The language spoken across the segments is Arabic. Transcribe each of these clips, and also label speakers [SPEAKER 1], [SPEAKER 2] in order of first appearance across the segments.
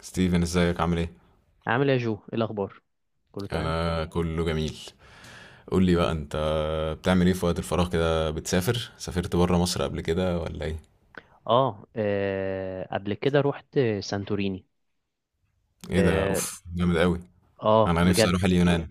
[SPEAKER 1] ستيفن، ازيك عامل ايه؟
[SPEAKER 2] عامل ايه يا جو، ايه الاخبار؟ كله تمام.
[SPEAKER 1] انا كله جميل. قول لي بقى انت بتعمل ايه في وقت الفراغ كده؟ بتسافر؟ سافرت بره مصر قبل كده ولا ايه؟
[SPEAKER 2] اه. قبل كده رحت سانتوريني.
[SPEAKER 1] ايه ده؟
[SPEAKER 2] اه.
[SPEAKER 1] اوف جامد قوي.
[SPEAKER 2] آه،
[SPEAKER 1] انا نفسي
[SPEAKER 2] بجد.
[SPEAKER 1] اروح اليونان.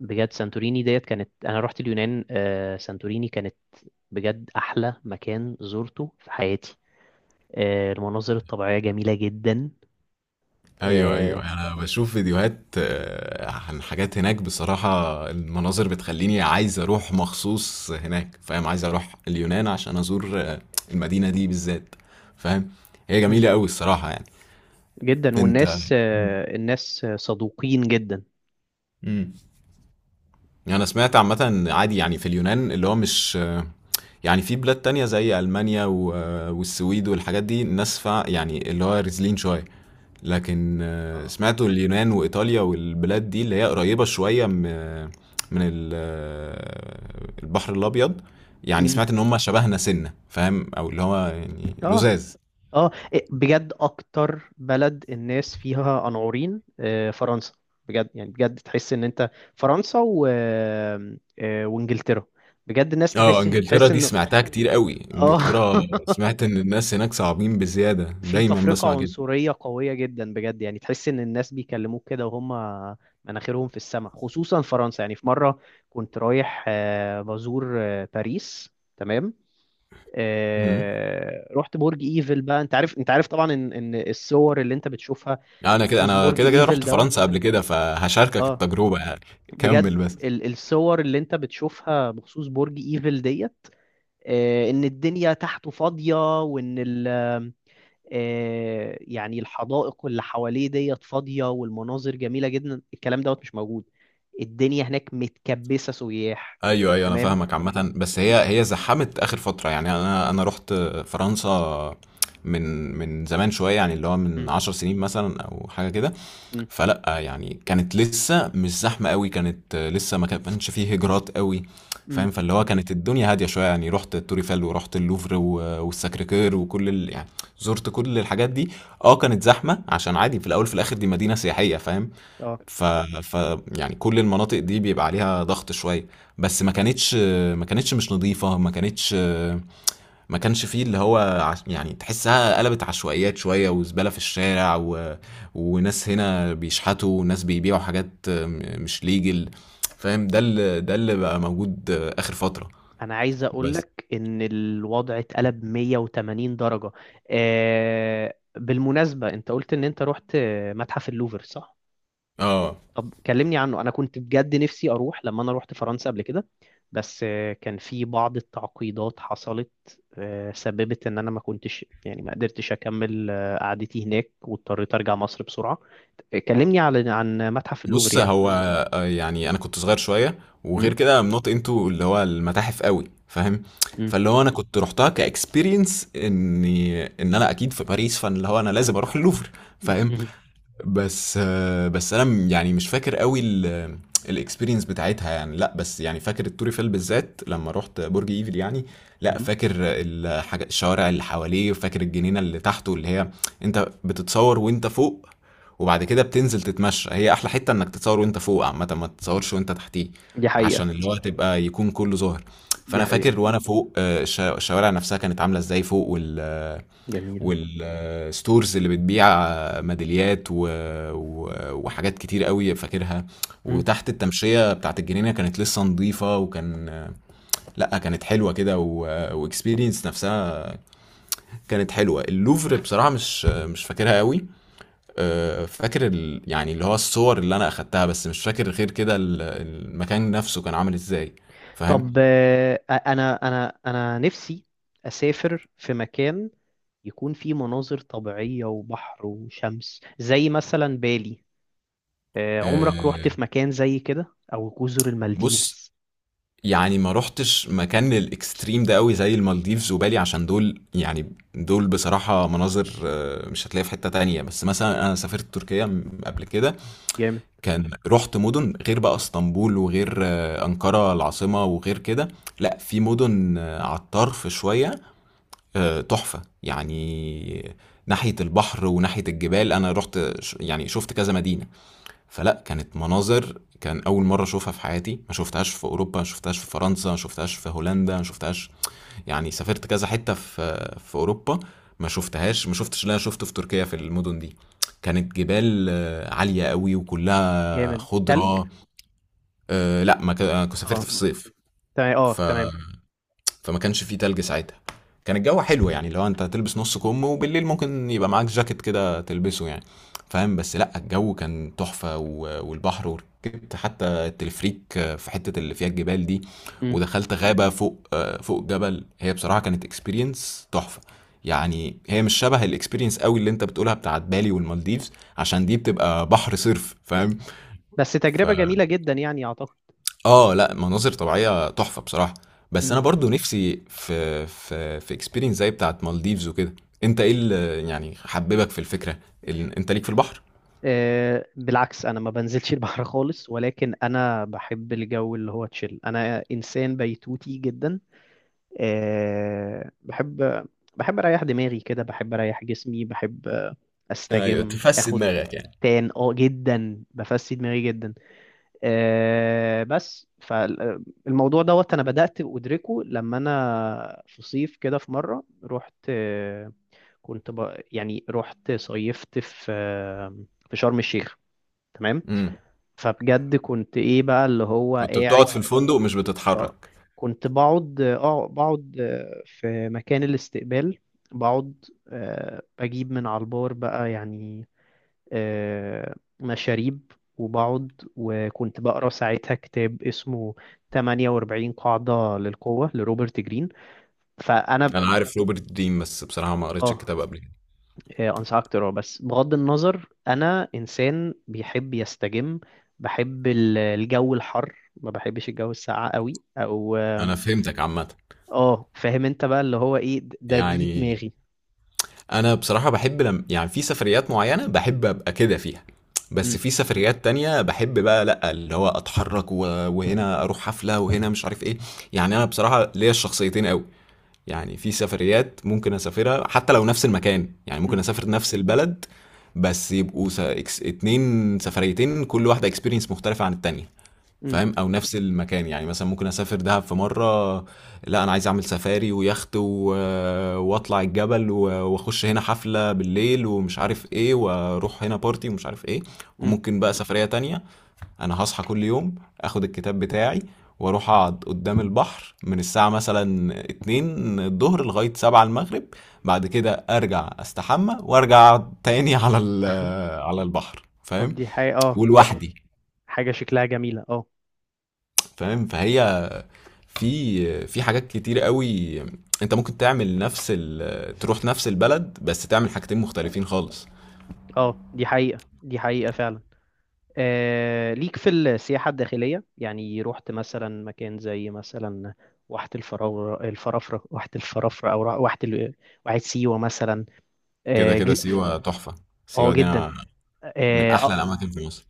[SPEAKER 2] بجد سانتوريني ديت كانت، انا رحت اليونان سانتوريني كانت بجد احلى مكان زرته في حياتي. المناظر الطبيعية جميلة جدا.
[SPEAKER 1] ايوه
[SPEAKER 2] آه
[SPEAKER 1] ايوه، انا بشوف فيديوهات عن حاجات هناك. بصراحة المناظر بتخليني عايز اروح مخصوص هناك، فاهم؟ عايز اروح اليونان عشان ازور المدينة دي بالذات، فاهم؟ هي
[SPEAKER 2] مم،
[SPEAKER 1] جميلة قوي الصراحة يعني.
[SPEAKER 2] جدا،
[SPEAKER 1] انت.
[SPEAKER 2] والناس الناس صدوقين جدا.
[SPEAKER 1] مم. يعني انا سمعت عامة إن عادي يعني في اليونان اللي هو مش يعني في بلاد تانية زي ألمانيا والسويد والحاجات دي، الناس فا يعني اللي هو رزلين شوية، لكن
[SPEAKER 2] اه.
[SPEAKER 1] سمعته اليونان وإيطاليا والبلاد دي اللي هي قريبة شوية من البحر الأبيض، يعني
[SPEAKER 2] مم.
[SPEAKER 1] سمعت إن هم شبهنا سنة، فاهم؟ أو اللي هو يعني
[SPEAKER 2] اه،
[SPEAKER 1] لزاز.
[SPEAKER 2] اه، إيه، بجد اكتر بلد الناس فيها قنعورين فرنسا. بجد يعني بجد تحس ان انت، فرنسا و وانجلترا. بجد الناس تحس
[SPEAKER 1] اه، انجلترا
[SPEAKER 2] تحس
[SPEAKER 1] دي
[SPEAKER 2] ان
[SPEAKER 1] سمعتها كتير قوي.
[SPEAKER 2] اه
[SPEAKER 1] انجلترا سمعت ان الناس هناك صعبين بزيادة،
[SPEAKER 2] في
[SPEAKER 1] دايما
[SPEAKER 2] تفرقة
[SPEAKER 1] بسمع كده.
[SPEAKER 2] عنصرية قوية جدا، بجد يعني تحس ان الناس بيكلموك كده وهم مناخيرهم في السماء، خصوصا فرنسا. يعني في مرة كنت رايح بزور باريس. تمام.
[SPEAKER 1] مم.
[SPEAKER 2] رحت برج ايفل بقى. انت عارف طبعا ان الصور اللي انت بتشوفها
[SPEAKER 1] انا كده
[SPEAKER 2] بخصوص
[SPEAKER 1] انا
[SPEAKER 2] برج
[SPEAKER 1] كده كده
[SPEAKER 2] ايفل
[SPEAKER 1] رحت
[SPEAKER 2] دوت.
[SPEAKER 1] فرنسا قبل كده، فهشاركك
[SPEAKER 2] اه،
[SPEAKER 1] التجربه يعني كمل
[SPEAKER 2] بجد.
[SPEAKER 1] بس.
[SPEAKER 2] الصور اللي انت بتشوفها بخصوص برج ايفل ديت، ان الدنيا تحته فاضية وان ال يعني الحدائق اللي حواليه ديت فاضية والمناظر جميلة جدا، الكلام دوت مش موجود. الدنيا هناك متكبسة سياح.
[SPEAKER 1] ايوه ايوه، انا
[SPEAKER 2] تمام.
[SPEAKER 1] فاهمك عامه، بس هي زحمت اخر فتره يعني. انا رحت فرنسا من من زمان شويه، يعني اللي هو من عشر سنين مثلا او حاجه كده،
[SPEAKER 2] امم.
[SPEAKER 1] فلا يعني كانت لسه مش زحمه قوي، كانت لسه ما كانش فيه هجرات قوي،
[SPEAKER 2] امم.
[SPEAKER 1] فاهم؟ فاللي هو كانت الدنيا هاديه شويه يعني. رحت توريفال ورحت اللوفر والساكريكير وكل ال... يعني زرت كل الحاجات دي. اه كانت زحمه عشان عادي في الاول في الاخر دي مدينه سياحيه، فاهم؟ ف... ف يعني كل المناطق دي بيبقى عليها ضغط شويه، بس ما كانتش مش نظيفه، ما كانش فيه اللي هو عش... يعني تحسها قلبت عشوائيات شوية وزبالة في الشارع و... وناس هنا بيشحتوا وناس بيبيعوا حاجات مش ليجل، فاهم؟ ده اللي بقى موجود آخر فترة.
[SPEAKER 2] انا عايز
[SPEAKER 1] بس
[SPEAKER 2] اقولك ان الوضع اتقلب 180 درجة. بالمناسبة، انت قلت ان انت رحت متحف اللوفر، صح؟
[SPEAKER 1] اه.
[SPEAKER 2] طب كلمني عنه. انا كنت بجد نفسي اروح لما انا رحت فرنسا قبل كده. بس كان في بعض التعقيدات حصلت سببت ان انا ما كنتش يعني ما قدرتش اكمل قعدتي هناك، واضطريت ارجع مصر بسرعة. كلمني على عن متحف اللوفر
[SPEAKER 1] بص،
[SPEAKER 2] يعني.
[SPEAKER 1] هو يعني انا كنت صغير شوية،
[SPEAKER 2] م؟
[SPEAKER 1] وغير كده I'm not into اللي هو المتاحف قوي، فاهم؟
[SPEAKER 2] م؟
[SPEAKER 1] فاللي هو انا كنت رحتها كاكسبيرينس اني ان انا اكيد في باريس، فاللي هو انا لازم اروح اللوفر، فاهم؟
[SPEAKER 2] م- م-
[SPEAKER 1] بس بس انا م- يعني مش فاكر قوي الاكسبيرينس بتاعتها يعني، لا بس يعني فاكر التوريفيل بالذات لما رحت برج ايفل يعني. لا
[SPEAKER 2] م-
[SPEAKER 1] فاكر الحاجة، الشوارع اللي حواليه وفاكر الجنينة اللي تحته، اللي هي انت بتتصور وانت فوق وبعد كده بتنزل تتمشى. هي احلى حتة انك تتصور وانت فوق عامة، ما تتصورش وانت تحتيه،
[SPEAKER 2] دي حقيقة.
[SPEAKER 1] عشان اللي هو تبقى يكون كله ظاهر.
[SPEAKER 2] دي
[SPEAKER 1] فانا فاكر
[SPEAKER 2] حقيقة،
[SPEAKER 1] وانا فوق الشوارع نفسها كانت عاملة ازاي فوق، وال
[SPEAKER 2] جميل.
[SPEAKER 1] والستورز اللي بتبيع ميداليات و... و... وحاجات كتير قوي فاكرها.
[SPEAKER 2] م؟
[SPEAKER 1] وتحت التمشية بتاعت الجنينة كانت لسه نظيفة، وكان، لا كانت حلوة كده. واكسبيرينس نفسها كانت حلوة. اللوفر بصراحة مش فاكرها قوي. فاكر ال... يعني اللي هو الصور اللي انا اخدتها، بس مش فاكر غير كده المكان نفسه كان عامل ازاي، فاهم؟
[SPEAKER 2] طب، انا نفسي اسافر في مكان يكون فيه مناظر طبيعية وبحر وشمس، زي مثلا بالي. عمرك
[SPEAKER 1] أه،
[SPEAKER 2] روحت في مكان زي كده، او جزر
[SPEAKER 1] بص،
[SPEAKER 2] المالديفز؟
[SPEAKER 1] يعني ما رحتش مكان الاكستريم ده قوي زي المالديفز وبالي، عشان دول يعني دول بصراحة مناظر مش هتلاقيها في حتة تانية. بس مثلا انا سافرت تركيا قبل كده،
[SPEAKER 2] جامد.
[SPEAKER 1] كان رحت مدن غير بقى اسطنبول وغير أنقرة العاصمة، وغير كده لا، في مدن على الطرف شوية، تحفة يعني. ناحية البحر وناحية الجبال، انا رحت يعني شفت كذا مدينة. فلأ، كانت مناظر، كان أول مرة أشوفها في حياتي، ما شُفتهاش في أوروبا، ما شُفتهاش في فرنسا، ما شُفتهاش في هولندا، ما شُفتهاش يعني. سافرت كذا حتّة في أوروبا، ما شُفتهاش، ما
[SPEAKER 2] مم.
[SPEAKER 1] شُفتش اللي أنا شُفته في تركيا في المدن دي. كانت جبال عالية أوي وكلّها
[SPEAKER 2] جامد، تلج.
[SPEAKER 1] خُضرة. لأ ما ك آه، سافرت
[SPEAKER 2] اه،
[SPEAKER 1] في الصيف،
[SPEAKER 2] تمام. اه،
[SPEAKER 1] ف
[SPEAKER 2] تمام.
[SPEAKER 1] فما كانش فيه تلج ساعتها. كان الجو حلو يعني، لو انت هتلبس نص كم وبالليل ممكن يبقى معاك جاكيت كده تلبسه يعني، فاهم؟ بس لا الجو كان تحفة والبحر، وركبت حتى التلفريك في حتة اللي فيها الجبال دي،
[SPEAKER 2] مم.
[SPEAKER 1] ودخلت غابة فوق فوق جبل. هي بصراحة كانت اكسبيرينس تحفة يعني، هي مش شبه الاكسبيرينس قوي اللي انت بتقولها بتاعت بالي والمالديفز، عشان دي بتبقى بحر صرف، فاهم؟
[SPEAKER 2] بس
[SPEAKER 1] ف
[SPEAKER 2] تجربة جميلة جدا يعني، اعتقد.
[SPEAKER 1] لأ، مناظر طبيعية تحفة بصراحة، بس
[SPEAKER 2] مم.
[SPEAKER 1] أنا برضه نِفْسي في experience زي بتاعة مالديفز وكده. أنت إيه ال يعني حبِّبك في الفكرة؟ ال أنت ليك في البحر؟
[SPEAKER 2] بالعكس، انا ما بنزلش البحر خالص، ولكن انا بحب الجو اللي هو تشيل، انا انسان بيتوتي جدا. آه، بحب بحب اريح دماغي كده، بحب اريح جسمي، بحب
[SPEAKER 1] أيوه،
[SPEAKER 2] استجم،
[SPEAKER 1] تفسِّي
[SPEAKER 2] اخد
[SPEAKER 1] دماغك يعني.
[SPEAKER 2] تان اه جدا، بفسي دماغي جدا. بس فالموضوع دوت، انا بدأت ادركه لما انا في صيف كده في مرة رحت، يعني رحت صيفت في في شرم الشيخ. تمام.
[SPEAKER 1] إمم،
[SPEAKER 2] فبجد كنت ايه بقى اللي هو
[SPEAKER 1] كنت بتقعد
[SPEAKER 2] قاعد.
[SPEAKER 1] في الفندق مش
[SPEAKER 2] اه،
[SPEAKER 1] بتتحرك؟
[SPEAKER 2] كنت بقعد في مكان الاستقبال. بقعد بجيب من على البار بقى يعني. آه، مشاريب، وبقعد، وكنت بقرا ساعتها كتاب اسمه 48 قاعدة للقوة لروبرت جرين. فأنا.
[SPEAKER 1] أنا عارف روبرت دريم، بس بصراحة ما قريتش
[SPEAKER 2] اه.
[SPEAKER 1] الكتاب قبل كده.
[SPEAKER 2] أنصحك تقراه، بس بغض النظر أنا إنسان بيحب يستجم. بحب الجو الحر، ما بحبش الجو الساقع قوي، أو
[SPEAKER 1] أنا فهمتك عامةً،
[SPEAKER 2] اه، فاهم انت بقى اللي هو ايه، ده دي
[SPEAKER 1] يعني
[SPEAKER 2] دماغي.
[SPEAKER 1] أنا بصراحة باحب لم يعني، في سفريات معيّنة باحب أبقى كده فيها، بس
[SPEAKER 2] مم.
[SPEAKER 1] في سفريات تانية باحب بقى لأ، اللي هو أتحرّك و وهنا أروح حفلة وهنا مش عارف إيه. يعني أنا بصراحة ليّا الشخصيتين أوي. يعني في سفريات ممكن أسافرها حتى لو نفس المكان، يعني ممكن
[SPEAKER 2] مم.
[SPEAKER 1] أسافر نفس البلد بس يبقوا س إكس اتنين سفريتين، كل واحدة experience مختلفة عن التانية.
[SPEAKER 2] مم.
[SPEAKER 1] فاهم؟ او نفس المكان، يعني مثلا ممكن اسافر دهب في مره، لا انا عايز اعمل سفاري ويخت و... واطلع الجبل و... واخش هنا حفله بالليل ومش عارف ايه، واروح هنا بارتي ومش عارف ايه.
[SPEAKER 2] مم.
[SPEAKER 1] وممكن بقى سفريه تانية انا هصحى كل يوم، اخد الكتاب بتاعي واروح اقعد قدام البحر من الساعه مثلا 2 الظهر لغايه 7 المغرب، بعد كده ارجع استحمى وارجع اقعد تاني على ال... على البحر،
[SPEAKER 2] طب
[SPEAKER 1] فاهم؟
[SPEAKER 2] دي حقيقة، اه يعني،
[SPEAKER 1] ولوحدي.
[SPEAKER 2] حاجة شكلها جميلة. اه.
[SPEAKER 1] فاهم؟ فهي في في حاجات كتير قوي انت ممكن تعمل نفس ال... تروح نفس البلد بس تعمل حاجتين مختلفين خالص.
[SPEAKER 2] اه، دي حقيقة، دي حقيقة فعلا. ليك في السياحة الداخلية؟ يعني رحت مثلا مكان زي مثلا واحة الفرافرة، أو واحة سيوة مثلا.
[SPEAKER 1] كده
[SPEAKER 2] اه.
[SPEAKER 1] كده سيوة تحفة.
[SPEAKER 2] آه،
[SPEAKER 1] سيوة دي
[SPEAKER 2] جدا.
[SPEAKER 1] انا من احلى
[SPEAKER 2] اه،
[SPEAKER 1] الاماكن في مصر.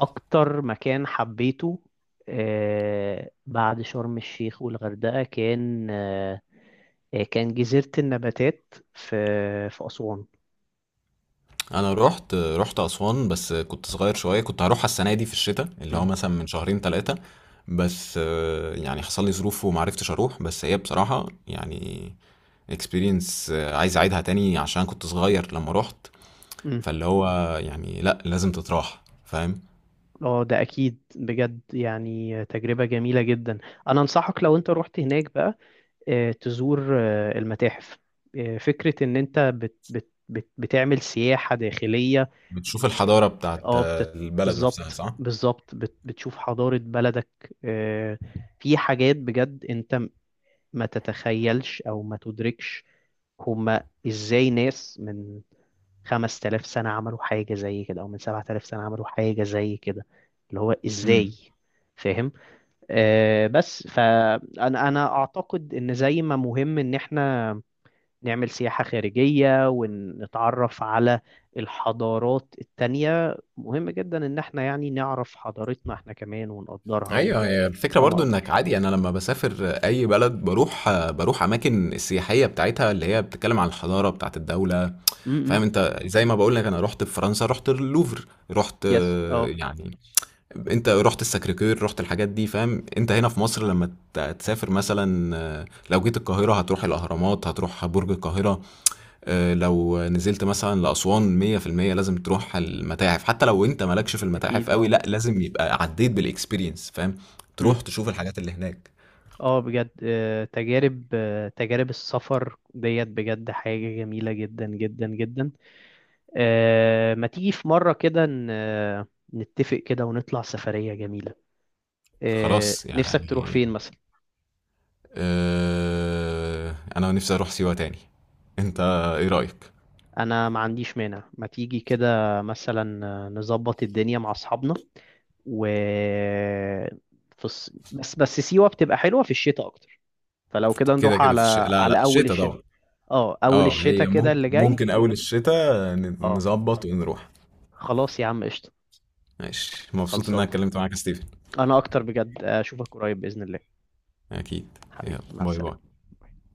[SPEAKER 2] اكتر مكان حبيته بعد شرم الشيخ والغردقة، كان آه، آه، كان جزيرة النباتات في أسوان.
[SPEAKER 1] انا رحت اسوان بس كنت صغير شوية، كنت هروحها السنة دي في الشتاء، اللي هو
[SPEAKER 2] مم.
[SPEAKER 1] مثلا من شهرين ثلاثة، بس يعني حصل لي ظروف وما عرفتش اروح. بس هي بصراحة يعني اكسبيرينس عايز اعيدها تاني عشان كنت صغير لما رحت.
[SPEAKER 2] مم.
[SPEAKER 1] فاللي هو يعني لا لازم تتراح، فاهم؟
[SPEAKER 2] اه، ده اكيد بجد يعني تجربة جميلة جدا. انا انصحك لو انت رحت هناك بقى، تزور المتاحف. فكرة ان انت بت بت بت بتعمل سياحة داخلية.
[SPEAKER 1] بتشوف
[SPEAKER 2] و.
[SPEAKER 1] الحضارة بتاعت
[SPEAKER 2] اه،
[SPEAKER 1] البلد نفسها،
[SPEAKER 2] بالظبط،
[SPEAKER 1] صح؟
[SPEAKER 2] بالظبط، بتشوف حضارة بلدك. آه، في حاجات بجد انت ما تتخيلش او ما تدركش. هما ازاي ناس من 5000 سنة عملوا حاجة زي كده، او من 7000 سنة عملوا حاجة زي كده؟ اللي هو ازاي،
[SPEAKER 1] امم.
[SPEAKER 2] فاهم. بس انا اعتقد ان زي ما مهم ان احنا نعمل سياحة خارجية ونتعرف على الحضارات التانية، مهم جدا إن احنا يعني نعرف حضارتنا احنا كمان ونقدرها
[SPEAKER 1] ايوه، هي الفكرة
[SPEAKER 2] ونفهمها
[SPEAKER 1] برضو انك
[SPEAKER 2] أكتر.
[SPEAKER 1] عادي يعني، انا لما بسافر اي بلد بروح اماكن السياحية بتاعتها، اللي هي بتتكلم عن الحضارة بتاعت الدولة،
[SPEAKER 2] امم.
[SPEAKER 1] فاهم؟ انت زي ما بقول لك، انا رحت في فرنسا رحت اللوفر، رحت
[SPEAKER 2] يس، اه.
[SPEAKER 1] يعني انت رحت الساكريكير، رحت الحاجات دي، فاهم؟
[SPEAKER 2] م.
[SPEAKER 1] انت هنا في مصر لما تسافر مثلا، لو جيت القاهرة هتروح الاهرامات، هتروح برج القاهرة، لو نزلت مثلا لأسوان 100% لازم تروح المتاحف، حتى لو انت مالكش في المتاحف
[SPEAKER 2] أكيد،
[SPEAKER 1] قوي
[SPEAKER 2] اه.
[SPEAKER 1] لا لازم يبقى عديت بالاكسبيرينس، فاهم؟
[SPEAKER 2] مم.
[SPEAKER 1] تروح تشوف الحاجات اللي هناك.
[SPEAKER 2] اه، بجد تجارب السفر ديت بجد حاجة جميلة جدا جدا جدا. ما تيجي في مرة كده، نتفق كده ونطلع سفرية جميلة.
[SPEAKER 1] خلاص
[SPEAKER 2] نفسك تروح
[SPEAKER 1] يعني،
[SPEAKER 2] فين مثلا؟
[SPEAKER 1] انا نفسي اروح سيوة تاني. انت ايه رأيك؟
[SPEAKER 2] انا ما عنديش مانع. ما تيجي كده مثلا نظبط الدنيا مع اصحابنا و بس سيوة بتبقى حلوة في الشتاء اكتر. فلو كده
[SPEAKER 1] كده
[SPEAKER 2] نروح
[SPEAKER 1] كده في الشتاء،
[SPEAKER 2] على
[SPEAKER 1] لا لا
[SPEAKER 2] على اول
[SPEAKER 1] الشتاء
[SPEAKER 2] الشتاء.
[SPEAKER 1] طبعا.
[SPEAKER 2] اه، اول
[SPEAKER 1] اه، هي
[SPEAKER 2] الشتاء كده
[SPEAKER 1] ممكن
[SPEAKER 2] اللي جاي.
[SPEAKER 1] ممكن اول الشتاء
[SPEAKER 2] اه،
[SPEAKER 1] نظبط ونروح.
[SPEAKER 2] خلاص يا عم، قشطة.
[SPEAKER 1] ماشي، مبسوط ان انا
[SPEAKER 2] خلصانة.
[SPEAKER 1] اتكلمت معاك يا ستيفن.
[SPEAKER 2] انا اكتر بجد، اشوفك قريب بإذن الله.
[SPEAKER 1] اكيد. يلا،
[SPEAKER 2] حبيبي، مع
[SPEAKER 1] باي
[SPEAKER 2] السلامة.
[SPEAKER 1] باي.